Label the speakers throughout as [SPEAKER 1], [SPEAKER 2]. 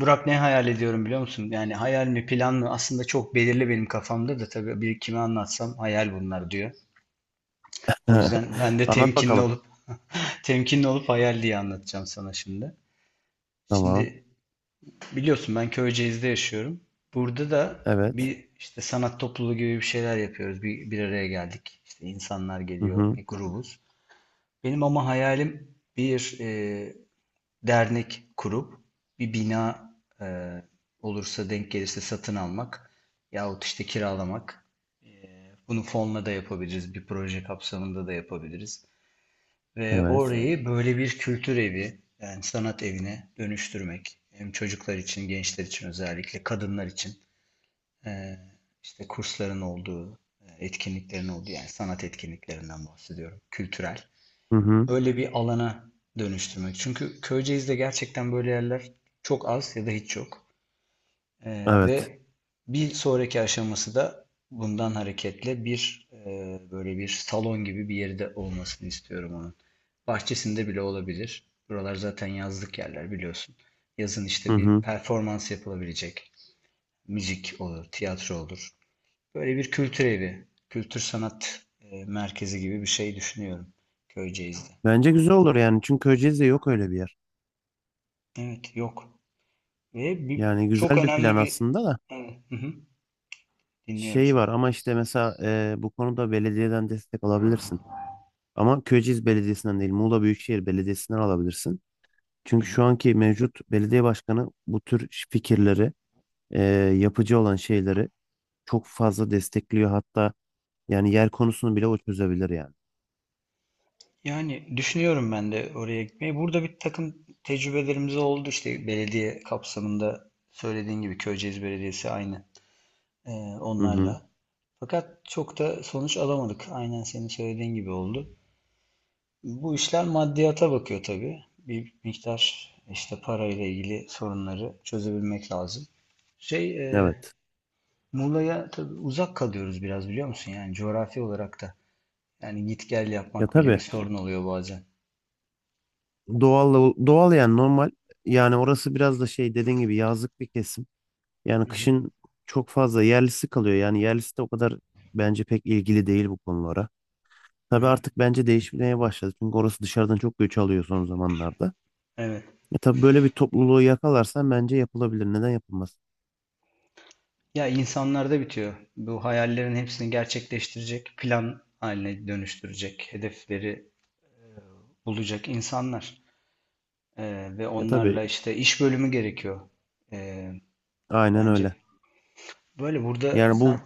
[SPEAKER 1] Burak ne hayal ediyorum biliyor musun? Yani hayal mi plan mı aslında çok belirli benim kafamda da tabii bir kime anlatsam hayal bunlar diyor. O yüzden ben de
[SPEAKER 2] Anlat
[SPEAKER 1] temkinli
[SPEAKER 2] bakalım.
[SPEAKER 1] olup temkinli olup hayal diye anlatacağım sana şimdi.
[SPEAKER 2] Tamam.
[SPEAKER 1] Şimdi biliyorsun ben Köyceğiz'de yaşıyorum. Burada da
[SPEAKER 2] Evet.
[SPEAKER 1] bir işte sanat topluluğu gibi bir şeyler yapıyoruz. Bir araya geldik. İşte insanlar
[SPEAKER 2] Hı
[SPEAKER 1] geliyor,
[SPEAKER 2] hı.
[SPEAKER 1] bir grubuz. Benim ama hayalim bir dernek kurup bir bina e, olursa denk gelirse satın almak yahut işte kiralamak. Bunu fonla da yapabiliriz, bir proje kapsamında da yapabiliriz. Ve
[SPEAKER 2] Evet.
[SPEAKER 1] orayı böyle bir kültür evi, yani sanat evine dönüştürmek. Hem çocuklar için, gençler için özellikle, kadınlar için e, işte kursların olduğu, etkinliklerin olduğu yani sanat etkinliklerinden bahsediyorum, kültürel
[SPEAKER 2] Hı hı.
[SPEAKER 1] öyle bir alana dönüştürmek. Çünkü Köyceğiz'de gerçekten böyle yerler çok az ya da hiç yok.
[SPEAKER 2] Evet.
[SPEAKER 1] Ve bir sonraki aşaması da bundan hareketle bir böyle bir salon gibi bir yerde olmasını istiyorum onun. Bahçesinde bile olabilir. Buralar zaten yazlık yerler biliyorsun. Yazın
[SPEAKER 2] Hı
[SPEAKER 1] işte bir
[SPEAKER 2] hı.
[SPEAKER 1] performans yapılabilecek. Müzik olur, tiyatro olur. Böyle bir kültür evi, kültür sanat merkezi gibi bir şey düşünüyorum Köyceğiz'de.
[SPEAKER 2] Bence güzel olur yani. Çünkü Köyceğiz'de yok öyle bir yer.
[SPEAKER 1] Evet, yok. Ve
[SPEAKER 2] Yani
[SPEAKER 1] çok
[SPEAKER 2] güzel bir plan
[SPEAKER 1] önemli bir...
[SPEAKER 2] aslında da
[SPEAKER 1] Evet, hı hı, dinliyorum
[SPEAKER 2] şey
[SPEAKER 1] seni.
[SPEAKER 2] var ama işte mesela bu konuda belediyeden destek alabilirsin. Ama Köyceğiz Belediyesi'nden değil, Muğla Büyükşehir Belediyesi'nden alabilirsin.
[SPEAKER 1] Hı
[SPEAKER 2] Çünkü
[SPEAKER 1] hı.
[SPEAKER 2] şu anki mevcut belediye başkanı bu tür fikirleri, e, yapıcı olan şeyleri çok fazla destekliyor. Hatta yani yer konusunu bile o çözebilir yani.
[SPEAKER 1] Yani düşünüyorum ben de oraya gitmeyi. Burada bir takım tecrübelerimiz oldu işte belediye kapsamında söylediğin gibi Köyceğiz Belediyesi aynı e,
[SPEAKER 2] Hı hı.
[SPEAKER 1] onlarla. Fakat çok da sonuç alamadık. Aynen senin söylediğin gibi oldu. Bu işler maddiyata bakıyor tabii. Bir miktar işte parayla ilgili sorunları çözebilmek lazım. Şey, e,
[SPEAKER 2] Evet.
[SPEAKER 1] Muğla'ya tabii uzak kalıyoruz biraz biliyor musun? Yani coğrafi olarak da. Yani git gel
[SPEAKER 2] Ya
[SPEAKER 1] yapmak bile bir
[SPEAKER 2] tabii.
[SPEAKER 1] sorun oluyor bazen.
[SPEAKER 2] Doğal doğal yani normal. Yani orası biraz da şey dediğin gibi yazlık bir kesim. Yani kışın çok fazla yerlisi kalıyor. Yani yerlisi de o kadar bence pek ilgili değil bu konulara. Tabii artık bence değişmeye başladı. Çünkü orası dışarıdan çok göç alıyor son zamanlarda.
[SPEAKER 1] Evet.
[SPEAKER 2] Ya tabii böyle bir topluluğu yakalarsan bence yapılabilir. Neden yapılmaz?
[SPEAKER 1] Ya insanlarda bitiyor. Bu hayallerin hepsini gerçekleştirecek, plan haline dönüştürecek, hedefleri bulacak insanlar. Ve
[SPEAKER 2] Ya tabii
[SPEAKER 1] onlarla işte iş bölümü gerekiyor. Ee,
[SPEAKER 2] aynen
[SPEAKER 1] bence.
[SPEAKER 2] öyle.
[SPEAKER 1] Böyle burada
[SPEAKER 2] Yani
[SPEAKER 1] sen...
[SPEAKER 2] bu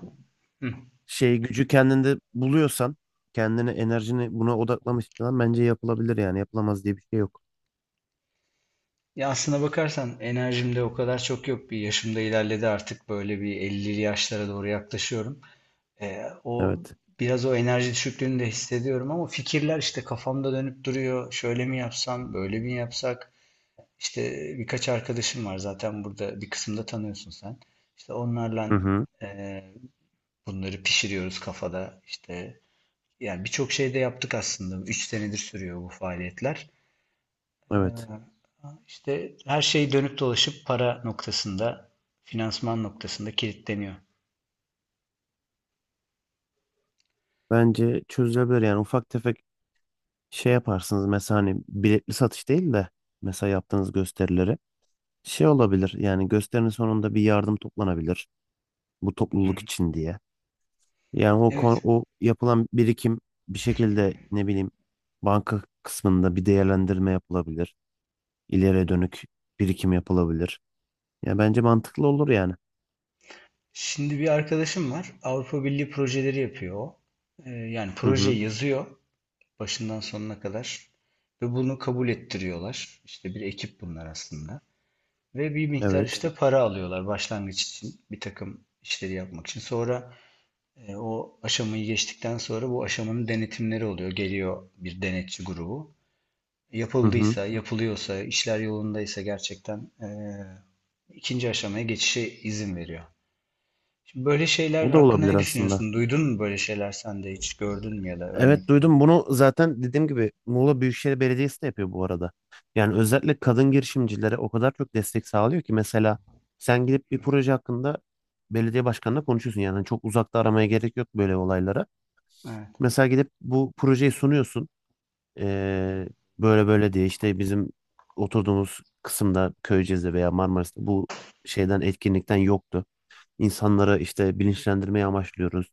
[SPEAKER 1] Hı.
[SPEAKER 2] şey gücü kendinde buluyorsan, kendini enerjini buna odaklamışsan bence yapılabilir yani. Yapılamaz diye bir şey yok.
[SPEAKER 1] Ya aslına bakarsan enerjim de o kadar çok yok. Bir yaşım da ilerledi artık. Böyle bir 50'li yaşlara doğru yaklaşıyorum. O
[SPEAKER 2] Evet.
[SPEAKER 1] biraz o enerji düşüklüğünü de hissediyorum ama fikirler işte kafamda dönüp duruyor. Şöyle mi yapsam, böyle mi yapsak? İşte birkaç arkadaşım var zaten burada bir kısımda tanıyorsun sen. İşte
[SPEAKER 2] Hı
[SPEAKER 1] onlarla
[SPEAKER 2] hı.
[SPEAKER 1] e, bunları pişiriyoruz kafada. İşte yani birçok şey de yaptık aslında. 3 senedir sürüyor bu faaliyetler. Ee,
[SPEAKER 2] Evet.
[SPEAKER 1] işte her şey dönüp dolaşıp para noktasında, finansman noktasında kilitleniyor.
[SPEAKER 2] Bence çözülebilir yani ufak tefek şey yaparsınız mesela hani biletli satış değil de mesela yaptığınız gösterileri şey olabilir yani gösterinin sonunda bir yardım toplanabilir bu
[SPEAKER 1] Hı.
[SPEAKER 2] topluluk
[SPEAKER 1] Evet.
[SPEAKER 2] için diye. Yani o kon-
[SPEAKER 1] Evet.
[SPEAKER 2] o yapılan birikim bir şekilde ne bileyim banka kısmında bir değerlendirme yapılabilir. İleriye dönük birikim yapılabilir. Ya bence mantıklı olur yani.
[SPEAKER 1] Şimdi bir arkadaşım var. Avrupa Birliği projeleri yapıyor o. Yani
[SPEAKER 2] Hı hı.
[SPEAKER 1] projeyi yazıyor başından sonuna kadar ve bunu kabul ettiriyorlar. İşte bir ekip bunlar aslında. Ve bir miktar
[SPEAKER 2] Evet.
[SPEAKER 1] işte para alıyorlar başlangıç için bir takım işleri yapmak için. Sonra o aşamayı geçtikten sonra bu aşamanın denetimleri oluyor. Geliyor bir denetçi grubu.
[SPEAKER 2] Hı hı.
[SPEAKER 1] Yapıldıysa, yapılıyorsa, işler yolundaysa gerçekten ikinci aşamaya geçişe izin veriyor. Şimdi böyle şeyler
[SPEAKER 2] O da
[SPEAKER 1] hakkında
[SPEAKER 2] olabilir
[SPEAKER 1] ne
[SPEAKER 2] aslında.
[SPEAKER 1] düşünüyorsun? Duydun mu böyle şeyler sen de hiç gördün mü ya da
[SPEAKER 2] Evet,
[SPEAKER 1] örneklerini?
[SPEAKER 2] duydum bunu zaten dediğim gibi Muğla Büyükşehir Belediyesi de yapıyor bu arada. Yani özellikle kadın girişimcilere o kadar çok destek sağlıyor ki mesela sen gidip bir proje hakkında belediye başkanına konuşuyorsun. Yani çok uzakta aramaya gerek yok böyle olaylara.
[SPEAKER 1] Evet.
[SPEAKER 2] Mesela gidip bu projeyi sunuyorsun. Ee, böyle böyle diye işte bizim oturduğumuz kısımda Köyceğiz'de veya Marmaris'te bu şeyden etkinlikten yoktu. İnsanları işte bilinçlendirmeye amaçlıyoruz.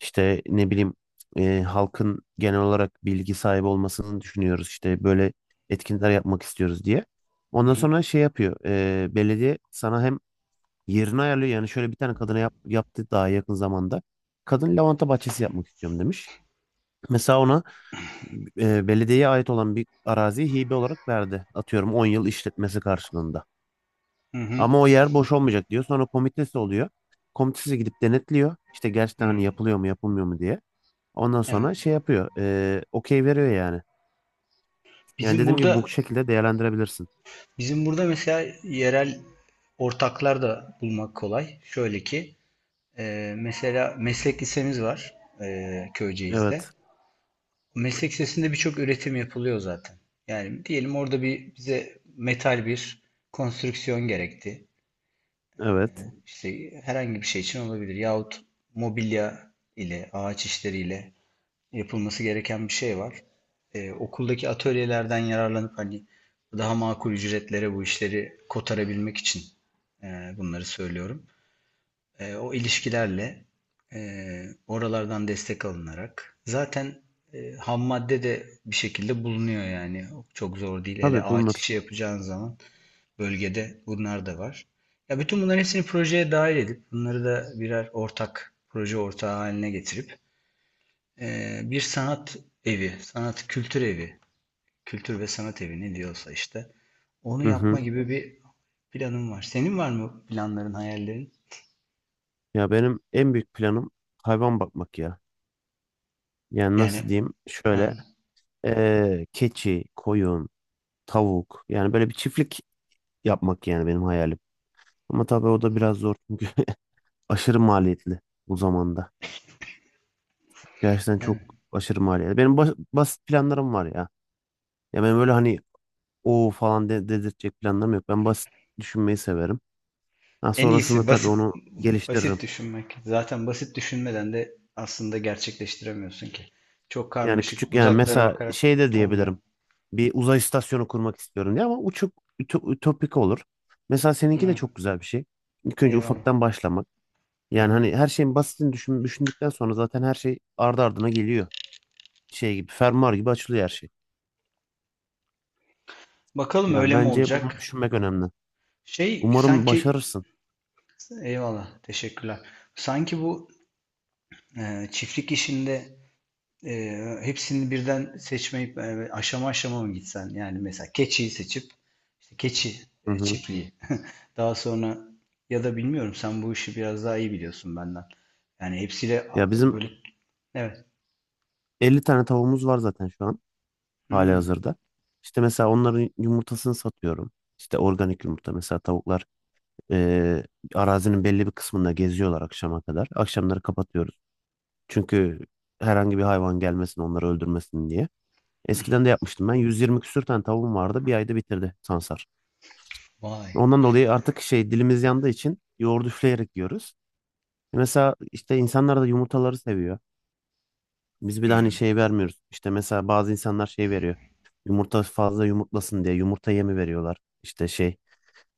[SPEAKER 2] İşte ne bileyim halkın genel olarak bilgi sahibi olmasını düşünüyoruz. İşte böyle etkinlikler yapmak istiyoruz diye.
[SPEAKER 1] Hı
[SPEAKER 2] Ondan
[SPEAKER 1] hı.
[SPEAKER 2] sonra şey yapıyor. Belediye sana hem yerini ayarlıyor. Yani şöyle bir tane kadına yap, yaptı daha yakın zamanda. Kadın lavanta bahçesi yapmak istiyorum demiş. Mesela ona belediyeye ait olan bir araziyi hibe olarak verdi. Atıyorum 10 yıl işletmesi karşılığında.
[SPEAKER 1] Hı hı.
[SPEAKER 2] Ama o yer boş olmayacak diyor. Sonra komitesi oluyor. Komitesi gidip denetliyor. İşte gerçekten hani
[SPEAKER 1] Hı.
[SPEAKER 2] yapılıyor mu yapılmıyor mu diye. Ondan
[SPEAKER 1] Evet.
[SPEAKER 2] sonra şey yapıyor. Okey veriyor yani. Yani
[SPEAKER 1] Bizim
[SPEAKER 2] dediğim gibi bu
[SPEAKER 1] burada
[SPEAKER 2] şekilde değerlendirebilirsin.
[SPEAKER 1] bizim burada mesela yerel ortaklar da bulmak kolay. Şöyle ki mesela meslek lisemiz var Köyceğiz'de.
[SPEAKER 2] Evet.
[SPEAKER 1] Meslek lisesinde birçok üretim yapılıyor zaten. Yani diyelim orada bir bize metal bir konstrüksiyon gerekti.
[SPEAKER 2] Evet.
[SPEAKER 1] İşte herhangi bir şey için olabilir. Yahut mobilya ile, ağaç işleriyle yapılması gereken bir şey var. Okuldaki atölyelerden yararlanıp hani daha makul ücretlere bu işleri kotarabilmek için bunları söylüyorum. O ilişkilerle e, oralardan destek alınarak zaten ham madde de bir şekilde bulunuyor yani. Çok zor değil. Hele
[SPEAKER 2] Tabii
[SPEAKER 1] ağaç
[SPEAKER 2] bulunur.
[SPEAKER 1] işi yapacağın zaman bölgede bunlar da var. Ya bütün bunların hepsini projeye dahil edip bunları da birer ortak proje ortağı haline getirip bir sanat evi, sanat kültür evi, kültür ve sanat evi ne diyorsa işte onu
[SPEAKER 2] Hı
[SPEAKER 1] yapma
[SPEAKER 2] hı.
[SPEAKER 1] gibi bir planım var. Senin var mı planların, hayallerin?
[SPEAKER 2] Ya benim en büyük planım hayvan bakmak ya. Yani
[SPEAKER 1] Yani
[SPEAKER 2] nasıl diyeyim?
[SPEAKER 1] ha,
[SPEAKER 2] Şöyle keçi, koyun, tavuk. Yani böyle bir çiftlik yapmak yani benim hayalim. Ama tabii o da biraz zor çünkü aşırı maliyetli bu zamanda. Gerçekten çok
[SPEAKER 1] evet.
[SPEAKER 2] aşırı maliyetli. Benim basit planlarım var ya. Ya ben böyle hani o falan de dedirtecek planlarım yok. Ben basit düşünmeyi severim. Ha,
[SPEAKER 1] En
[SPEAKER 2] sonrasında
[SPEAKER 1] iyisi
[SPEAKER 2] tabii
[SPEAKER 1] basit
[SPEAKER 2] onu geliştiririm.
[SPEAKER 1] basit düşünmek. Zaten basit düşünmeden de aslında gerçekleştiremiyorsun ki. Çok
[SPEAKER 2] Yani
[SPEAKER 1] karmaşık,
[SPEAKER 2] küçük yani
[SPEAKER 1] uzaklara
[SPEAKER 2] mesela
[SPEAKER 1] bakarak
[SPEAKER 2] şey de
[SPEAKER 1] olmuyor.
[SPEAKER 2] diyebilirim. Bir uzay istasyonu kurmak istiyorum diye ama uçuk ütopik olur. Mesela seninki de
[SPEAKER 1] Evet,
[SPEAKER 2] çok güzel bir şey. İlk önce
[SPEAKER 1] eyvallah.
[SPEAKER 2] ufaktan başlamak. Yani
[SPEAKER 1] Hı.
[SPEAKER 2] hani her şeyin basitini düşün, düşündükten sonra zaten her şey ardı ardına geliyor. Şey gibi, fermuar gibi açılıyor her şey.
[SPEAKER 1] Bakalım
[SPEAKER 2] Yani
[SPEAKER 1] öyle mi
[SPEAKER 2] bence bunu
[SPEAKER 1] olacak?
[SPEAKER 2] düşünmek önemli.
[SPEAKER 1] Şey
[SPEAKER 2] Umarım
[SPEAKER 1] sanki
[SPEAKER 2] başarırsın.
[SPEAKER 1] eyvallah teşekkürler. Sanki bu çiftlik işinde e, hepsini birden seçmeyip aşama aşama mı gitsen? Yani mesela keçiyi seçip işte keçi
[SPEAKER 2] Hı hı.
[SPEAKER 1] çiftliği. Daha sonra ya da bilmiyorum sen bu işi biraz daha iyi biliyorsun benden. Yani hepsiyle
[SPEAKER 2] Ya bizim
[SPEAKER 1] böyle evet.
[SPEAKER 2] 50 tane tavuğumuz var zaten şu an
[SPEAKER 1] Hmm.
[SPEAKER 2] halihazırda. İşte mesela onların yumurtasını satıyorum. İşte organik yumurta mesela tavuklar. Ee, Arazinin belli bir kısmında geziyorlar akşama kadar. Akşamları kapatıyoruz. Çünkü herhangi bir hayvan gelmesin, onları öldürmesin diye. Eskiden de yapmıştım ben. 120 küsür tane tavuğum vardı. Bir ayda bitirdi sansar.
[SPEAKER 1] Vay.
[SPEAKER 2] Ondan dolayı artık şey, dilimiz yandığı için yoğurdu üfleyerek yiyoruz. Mesela işte insanlar da yumurtaları seviyor. Biz bir de hani
[SPEAKER 1] Hmm.
[SPEAKER 2] şey vermiyoruz. İşte mesela bazı insanlar şey veriyor. Yumurta fazla yumurtlasın diye yumurta yemi veriyorlar. İşte şey.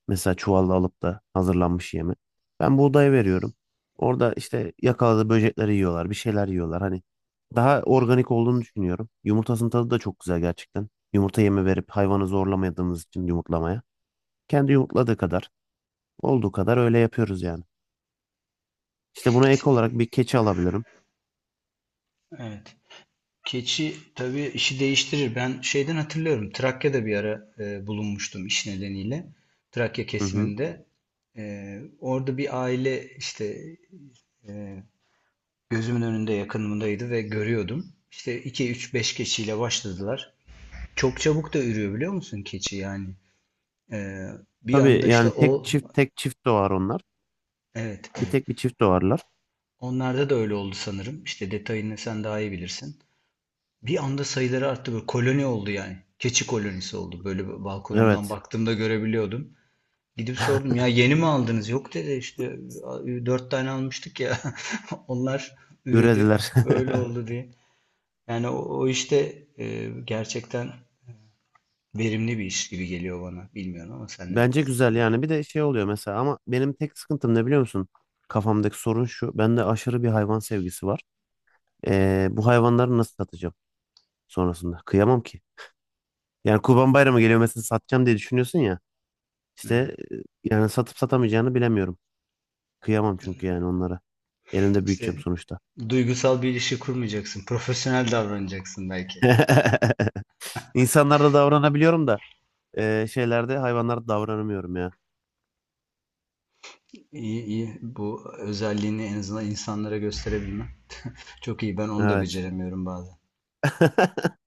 [SPEAKER 2] Mesela çuvalla alıp da hazırlanmış yemi. Ben buğdaya veriyorum. Orada işte yakaladığı böcekleri yiyorlar, bir şeyler yiyorlar. Hani daha organik olduğunu düşünüyorum. Yumurtasının tadı da çok güzel gerçekten. Yumurta yemi verip hayvanı zorlamadığımız için yumurtlamaya. Kendi yumurtladığı kadar, olduğu kadar öyle yapıyoruz yani. İşte buna ek olarak bir keçi alabilirim.
[SPEAKER 1] Evet. Keçi tabii işi değiştirir. Ben şeyden hatırlıyorum. Trakya'da bir ara bulunmuştum iş nedeniyle. Trakya
[SPEAKER 2] Hı hı.
[SPEAKER 1] kesiminde. Orada bir aile işte e, gözümün önünde yakınımdaydı ve görüyordum. İşte 2 3 5 keçiyle başladılar. Çok çabuk da ürüyor biliyor musun keçi yani. E, bir anda
[SPEAKER 2] Tabii
[SPEAKER 1] işte
[SPEAKER 2] yani tek
[SPEAKER 1] o
[SPEAKER 2] çift tek çift doğar onlar.
[SPEAKER 1] evet
[SPEAKER 2] Bir
[SPEAKER 1] evet.
[SPEAKER 2] tek bir çift doğarlar.
[SPEAKER 1] Onlarda da öyle oldu sanırım. İşte detayını sen daha iyi bilirsin. Bir anda sayıları arttı böyle koloni oldu yani. Keçi kolonisi oldu. Böyle balkonumdan
[SPEAKER 2] Evet,
[SPEAKER 1] baktığımda görebiliyordum. Gidip sordum ya yeni mi aldınız? Yok dedi işte dört tane almıştık ya. Onlar üredi.
[SPEAKER 2] ürediler.
[SPEAKER 1] Böyle oldu diye. Yani o işte gerçekten verimli bir iş gibi geliyor bana. Bilmiyorum ama sen ne
[SPEAKER 2] Bence
[SPEAKER 1] dersin?
[SPEAKER 2] güzel yani bir de şey oluyor mesela ama benim tek sıkıntım ne biliyor musun? Kafamdaki sorun şu. Bende aşırı bir hayvan sevgisi var. Bu hayvanları nasıl satacağım sonrasında? Kıyamam ki. Yani Kurban Bayramı geliyor mesela satacağım diye düşünüyorsun ya. İşte
[SPEAKER 1] Evet.
[SPEAKER 2] yani satıp satamayacağını bilemiyorum. Kıyamam çünkü yani onlara. Elimde büyüteceğim
[SPEAKER 1] İşte
[SPEAKER 2] sonuçta.
[SPEAKER 1] duygusal bir ilişki kurmayacaksın. Profesyonel davranacaksın belki.
[SPEAKER 2] İnsanlarda davranabiliyorum da şeylerde hayvanlarda davranamıyorum ya.
[SPEAKER 1] İyi iyi. Bu özelliğini en azından insanlara gösterebilmem. Çok iyi. Ben onu da
[SPEAKER 2] Evet.
[SPEAKER 1] beceremiyorum bazen.